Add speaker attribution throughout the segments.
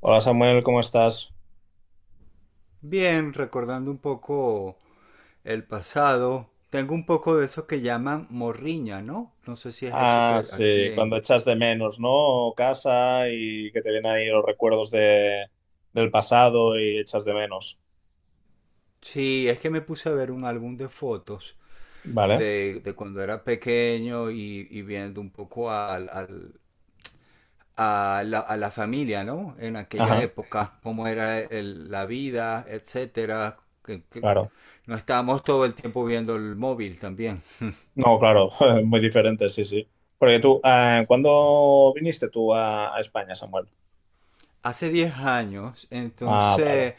Speaker 1: Hola Samuel, ¿cómo estás?
Speaker 2: Bien, recordando un poco el pasado, tengo un poco de eso que llaman morriña, ¿no? No sé si es eso
Speaker 1: Ah,
Speaker 2: que aquí
Speaker 1: sí,
Speaker 2: en...
Speaker 1: cuando echas de menos, ¿no? Casa y que te vienen ahí los recuerdos del pasado y echas de menos.
Speaker 2: Sí, es que me puse a ver un álbum de fotos
Speaker 1: Vale,
Speaker 2: de cuando era pequeño y viendo un poco a la familia, ¿no? En aquella
Speaker 1: ajá,
Speaker 2: época, cómo era la vida, etcétera. Que
Speaker 1: claro.
Speaker 2: no estábamos todo el tiempo viendo el móvil también.
Speaker 1: No, claro, muy diferente, sí, sí. Porque tú, ¿cuándo viniste tú a España, Samuel?
Speaker 2: Hace 10 años,
Speaker 1: Ah, vale,
Speaker 2: entonces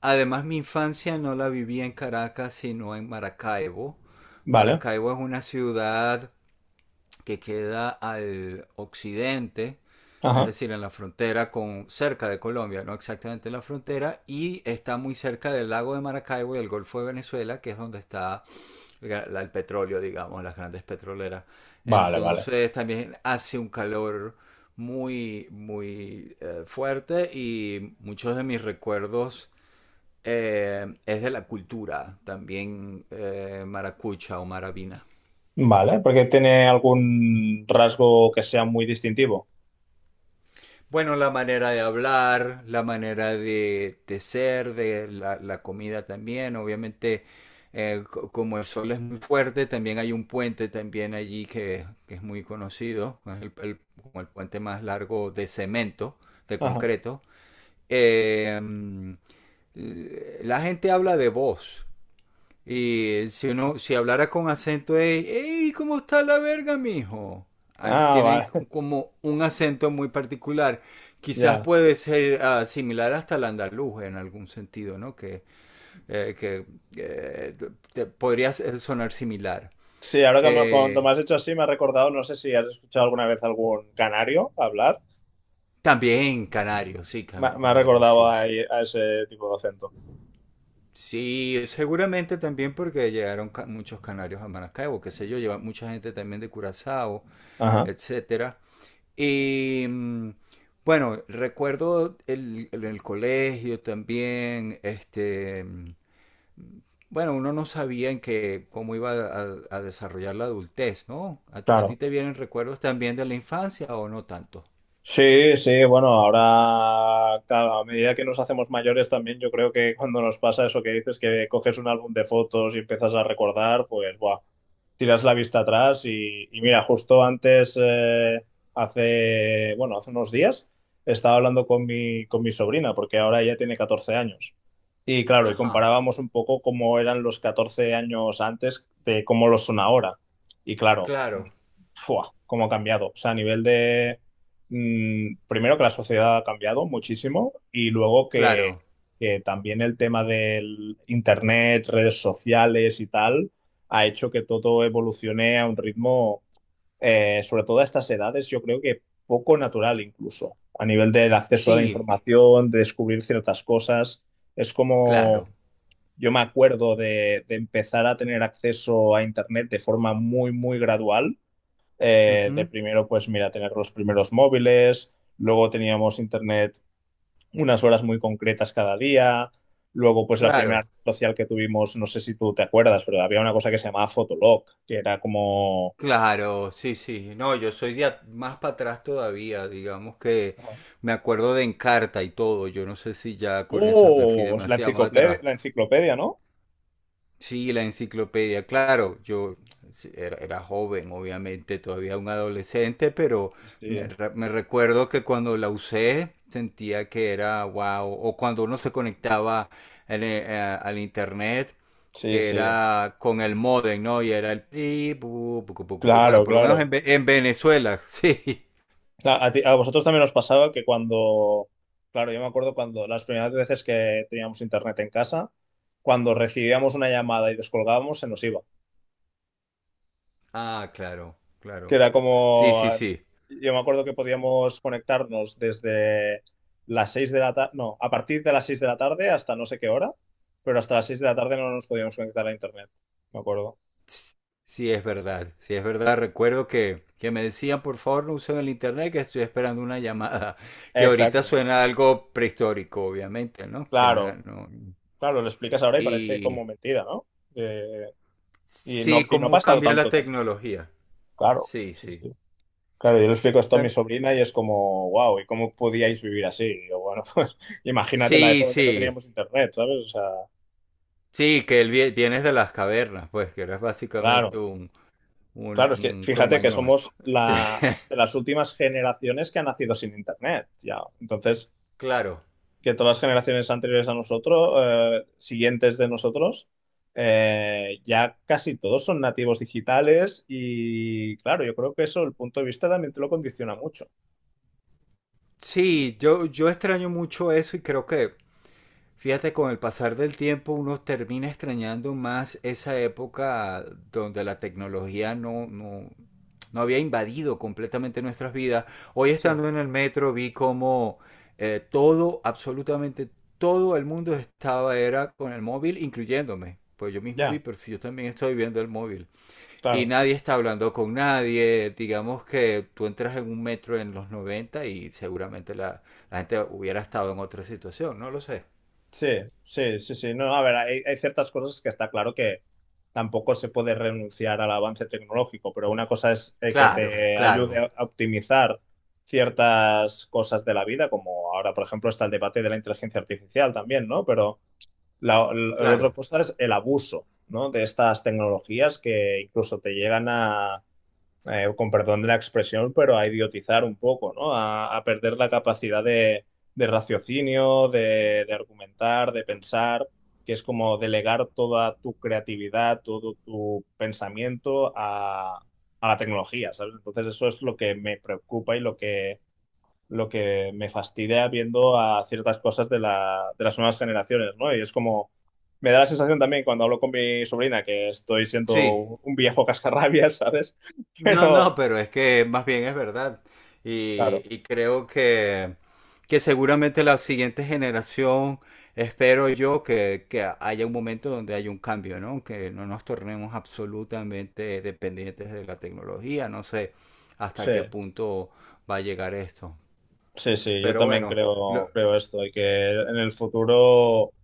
Speaker 2: además mi infancia no la viví en Caracas, sino en Maracaibo.
Speaker 1: vale,
Speaker 2: Maracaibo es una ciudad que queda al occidente, es
Speaker 1: ajá,
Speaker 2: decir, en la frontera con cerca de Colombia, no exactamente en la frontera, y está muy cerca del lago de Maracaibo y el Golfo de Venezuela, que es donde está el petróleo, digamos, las grandes petroleras.
Speaker 1: vale, vale.
Speaker 2: Entonces también hace un calor muy, muy fuerte y muchos de mis recuerdos es de la cultura, también maracucha o maravina.
Speaker 1: Vale, porque tiene algún rasgo que sea muy distintivo.
Speaker 2: Bueno, la manera de hablar, la manera de ser, de la comida también, obviamente como el sol es muy fuerte, también hay un puente también allí que es muy conocido, es como el puente más largo de cemento, de
Speaker 1: Ajá.
Speaker 2: concreto. Eh, mm, la gente habla de voz, y si uno, si hablara con acento de, hey, ¿cómo está la verga, mijo? Ah,
Speaker 1: Ah,
Speaker 2: tienen
Speaker 1: vale,
Speaker 2: como un acento muy particular. Quizás
Speaker 1: ya.
Speaker 2: puede ser similar hasta el andaluz en algún sentido, ¿no? Que eh, podría sonar similar.
Speaker 1: Sí, cuando me
Speaker 2: Eh,
Speaker 1: has hecho así, me ha recordado, no sé si has escuchado alguna vez algún canario hablar,
Speaker 2: También canarios, sí,
Speaker 1: me ha
Speaker 2: canarios,
Speaker 1: recordado
Speaker 2: sí.
Speaker 1: a ese tipo de acento.
Speaker 2: Sí, seguramente también porque llegaron muchos canarios a Maracaibo, qué sé yo, lleva mucha gente también de Curazao,
Speaker 1: Ajá,
Speaker 2: etcétera. Y mm, bueno, recuerdo el colegio también, bueno, uno no sabía en qué, cómo iba a desarrollar la adultez, ¿no? A ti
Speaker 1: claro.
Speaker 2: te vienen recuerdos también de la infancia o no tanto?
Speaker 1: Sí, sí, bueno, ahora claro, a medida que nos hacemos mayores también yo creo que cuando nos pasa eso que dices que coges un álbum de fotos y empiezas a recordar, pues buah, tiras la vista atrás y mira, justo antes, hace, bueno, hace unos días estaba hablando con con mi sobrina porque ahora ella tiene 14 años y claro, y
Speaker 2: Ajá,
Speaker 1: comparábamos un poco cómo eran los 14 años antes de cómo lo son ahora y claro,
Speaker 2: claro,
Speaker 1: ¡fua! Cómo ha cambiado, o sea, a nivel de primero que la sociedad ha cambiado muchísimo y luego
Speaker 2: claro,
Speaker 1: que también el tema del internet, redes sociales y tal, ha hecho que todo evolucione a un ritmo, sobre todo a estas edades, yo creo que poco natural incluso, a nivel del acceso a la
Speaker 2: sí,
Speaker 1: información, de descubrir ciertas cosas. Es como,
Speaker 2: claro,
Speaker 1: yo me acuerdo de empezar a tener acceso a internet de forma muy, muy gradual de
Speaker 2: ujú,
Speaker 1: primero, pues mira, tener los primeros móviles, luego teníamos internet unas horas muy concretas cada día, luego pues la primera
Speaker 2: claro.
Speaker 1: red social que tuvimos, no sé si tú te acuerdas, pero había una cosa que se llamaba Fotolog, que era como...
Speaker 2: Claro, sí, sí. No, yo soy de más para atrás todavía. Digamos que
Speaker 1: Ajá.
Speaker 2: me acuerdo de Encarta y todo. Yo no sé si ya con eso me fui
Speaker 1: ¡Oh!
Speaker 2: demasiado más atrás.
Speaker 1: La enciclopedia, ¿no?
Speaker 2: Sí, la enciclopedia, claro, yo sí, era, era joven, obviamente, todavía un adolescente, pero me,
Speaker 1: Sí,
Speaker 2: me recuerdo que cuando la usé sentía que era wow, o cuando uno se conectaba en al internet,
Speaker 1: sí, sí,
Speaker 2: era con el modem, ¿no? Y era el... pi, pu, pu, pu, pu, pu. Bueno,
Speaker 1: claro,
Speaker 2: por lo menos en,
Speaker 1: claro.
Speaker 2: En Venezuela, sí.
Speaker 1: ¿A a vosotros también os pasaba que cuando, claro, yo me acuerdo cuando las primeras veces que teníamos internet en casa, cuando recibíamos una llamada y descolgábamos, se nos iba?
Speaker 2: Ah, claro,
Speaker 1: Que
Speaker 2: claro.
Speaker 1: era
Speaker 2: Sí, sí,
Speaker 1: como,
Speaker 2: sí.
Speaker 1: yo me acuerdo que podíamos conectarnos desde las 6 de la tarde, no, a partir de las 6 de la tarde hasta no sé qué hora, pero hasta las 6 de la tarde no nos podíamos conectar a internet, me acuerdo.
Speaker 2: Sí, sí es verdad, sí, es verdad. Recuerdo que me decían, por favor, no usen el internet, que estoy esperando una llamada, que ahorita
Speaker 1: Exacto,
Speaker 2: suena algo prehistórico, obviamente, ¿no? Que no,
Speaker 1: claro,
Speaker 2: no-
Speaker 1: claro, lo explicas ahora y parece
Speaker 2: Y
Speaker 1: como mentira, ¿no? Eh, y
Speaker 2: sí,
Speaker 1: no, y no ha
Speaker 2: cómo
Speaker 1: pasado
Speaker 2: cambia la
Speaker 1: tanto, tanto.
Speaker 2: tecnología.
Speaker 1: Claro,
Speaker 2: Sí,
Speaker 1: sí,
Speaker 2: sí.
Speaker 1: sí. Claro, yo le explico esto a mi
Speaker 2: Tam-
Speaker 1: sobrina y es como, wow, ¿y cómo podíais vivir así? Y yo, bueno, pues imagínate la
Speaker 2: Sí,
Speaker 1: época que no
Speaker 2: sí,
Speaker 1: teníamos internet, ¿sabes? O sea,
Speaker 2: sí, que el vienes de las cavernas, pues, que eres básicamente
Speaker 1: claro. Claro, es que
Speaker 2: un
Speaker 1: fíjate que
Speaker 2: cromañón.
Speaker 1: somos
Speaker 2: Sí,
Speaker 1: de las últimas generaciones que han nacido sin Internet, ya. Entonces,
Speaker 2: claro.
Speaker 1: que todas las generaciones anteriores a nosotros, siguientes de nosotros, ya casi todos son nativos digitales y, claro, yo creo que eso, el punto de vista también te lo condiciona mucho.
Speaker 2: Sí, yo extraño mucho eso y creo que fíjate, con el pasar del tiempo uno termina extrañando más esa época donde la tecnología no había invadido completamente nuestras vidas. Hoy
Speaker 1: Sí.
Speaker 2: estando en el metro vi como todo, absolutamente todo el mundo estaba era con el móvil, incluyéndome. Pues yo mismo vi,
Speaker 1: Ya,
Speaker 2: pero si yo también estoy viendo el móvil. Y
Speaker 1: claro.
Speaker 2: nadie está hablando con nadie. Digamos que tú entras en un metro en los 90 y seguramente la gente hubiera estado en otra situación, no lo sé.
Speaker 1: Sí, sí, sí, sí. No, a ver, hay ciertas cosas que está claro que tampoco se puede renunciar al avance tecnológico, pero una cosa es que
Speaker 2: Claro,
Speaker 1: te
Speaker 2: claro,
Speaker 1: ayude a optimizar ciertas cosas de la vida, como ahora, por ejemplo, está el debate de la inteligencia artificial también, ¿no? Pero la otra
Speaker 2: claro.
Speaker 1: cosa es el abuso, ¿no? De estas tecnologías que incluso te llegan a con perdón de la expresión, pero a idiotizar un poco, ¿no? A perder la capacidad de raciocinio, de argumentar, de pensar, que es como delegar toda tu creatividad, todo tu pensamiento a la tecnología, ¿sabes? Entonces eso es lo que me preocupa y lo que me fastidia viendo a ciertas cosas de, la, de las nuevas generaciones, ¿no? Y es como, me da la sensación también cuando hablo con mi sobrina que estoy siendo
Speaker 2: Sí.
Speaker 1: un viejo cascarrabias, ¿sabes?
Speaker 2: No,
Speaker 1: Pero,
Speaker 2: no, pero es que más bien es verdad. Y,
Speaker 1: claro,
Speaker 2: y creo que seguramente la siguiente generación, espero yo, que haya un momento donde haya un cambio, ¿no? Que no nos tornemos absolutamente dependientes de la tecnología. No sé hasta
Speaker 1: sí,
Speaker 2: qué punto va a llegar esto.
Speaker 1: sí, sí, yo
Speaker 2: Pero
Speaker 1: también
Speaker 2: bueno, lo-
Speaker 1: creo, creo esto, y que en el futuro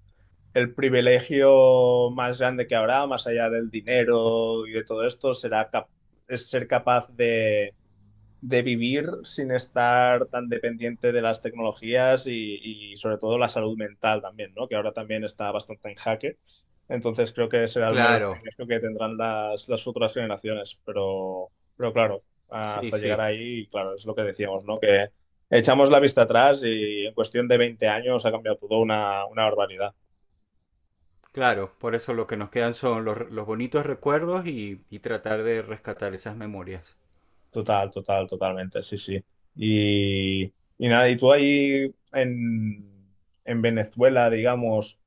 Speaker 1: el privilegio más grande que habrá, más allá del dinero y de todo esto, es ser capaz de vivir sin estar tan dependiente de las tecnologías y sobre todo la salud mental también, ¿no? Que ahora también está bastante en jaque. Entonces creo que será el mayor
Speaker 2: claro,
Speaker 1: privilegio que tendrán las futuras generaciones. Pero claro,
Speaker 2: sí,
Speaker 1: hasta llegar
Speaker 2: sí.
Speaker 1: ahí, claro, es lo que decíamos, ¿no? Que echamos la vista atrás y en cuestión de 20 años ha cambiado todo una barbaridad.
Speaker 2: Claro, por eso lo que nos quedan son los bonitos recuerdos y tratar de rescatar esas memorias.
Speaker 1: Total, total, totalmente, sí, sí. Y, y nada, y tú ahí en Venezuela, digamos,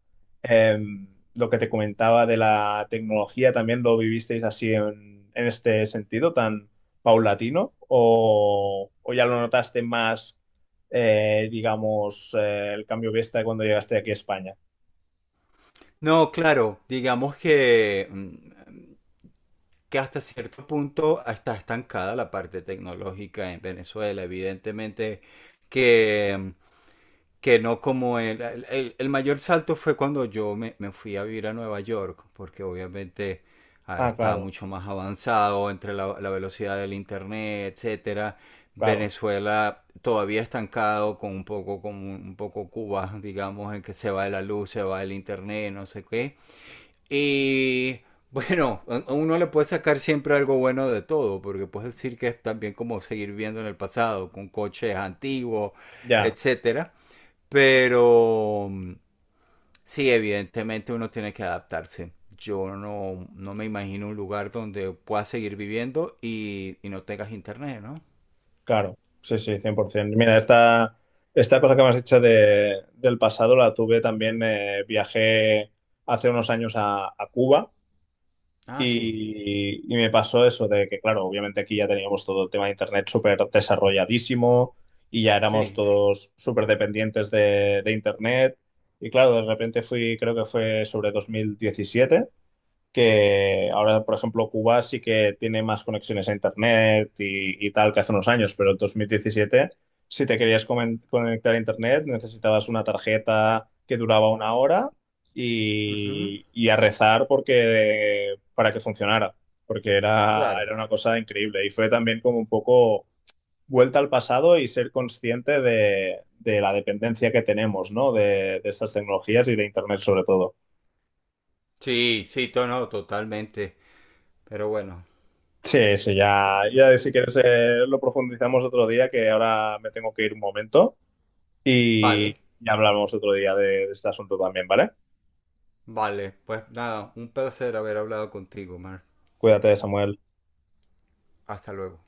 Speaker 1: em, lo que te comentaba de la tecnología, ¿también lo vivisteis así en este sentido tan paulatino? O ya lo notaste más, digamos, el cambio de vista cuando llegaste aquí a España?
Speaker 2: No, claro, digamos que, que hasta cierto punto está estancada la parte tecnológica en Venezuela. Evidentemente que que no como el mayor salto fue cuando me fui a vivir a Nueva York, porque obviamente
Speaker 1: Ah,
Speaker 2: estaba
Speaker 1: claro,
Speaker 2: mucho más avanzado entre la velocidad del internet, etcétera.
Speaker 1: claro.
Speaker 2: Venezuela todavía estancado con un poco Cuba, digamos, en que se va de la luz, se va del internet, no sé qué. Y bueno, a uno le puede sacar siempre algo bueno de todo, porque puedes decir que es también como seguir viendo en el pasado, con coches antiguos,
Speaker 1: Ya.
Speaker 2: etcétera. Pero sí, evidentemente uno tiene que adaptarse. Yo no, no me imagino un lugar donde puedas seguir viviendo y no tengas internet, ¿no?
Speaker 1: Claro, sí, sí, 100%. Mira, esta cosa que me has dicho del pasado la tuve también, viajé hace unos años a Cuba
Speaker 2: Ah, sí,
Speaker 1: y me pasó eso de que, claro, obviamente aquí ya teníamos todo el tema de Internet súper desarrolladísimo y ya éramos
Speaker 2: sí.
Speaker 1: todos súper dependientes de Internet. Y claro, de repente fui, creo que fue sobre 2017 que ahora, por ejemplo, Cuba sí que tiene más conexiones a Internet y tal que hace unos años, pero en 2017, si te querías conectar a Internet, necesitabas una tarjeta que duraba una hora
Speaker 2: Ujú,
Speaker 1: y a rezar porque, para que funcionara, porque era,
Speaker 2: claro.
Speaker 1: era una cosa increíble. Y fue también como un poco vuelta al pasado y ser consciente de la dependencia que tenemos, ¿no? De estas tecnologías y de Internet sobre todo.
Speaker 2: Sí, sí, to- no, totalmente. Pero bueno,
Speaker 1: Sí, sí, ya,
Speaker 2: eh,
Speaker 1: ya si quieres lo profundizamos otro día, que ahora me tengo que ir un momento
Speaker 2: vale.
Speaker 1: y, y hablamos otro día de este asunto también, ¿vale?
Speaker 2: Vale, pues nada, un placer haber hablado contigo, Mark.
Speaker 1: Cuídate, Samuel.
Speaker 2: Hasta luego.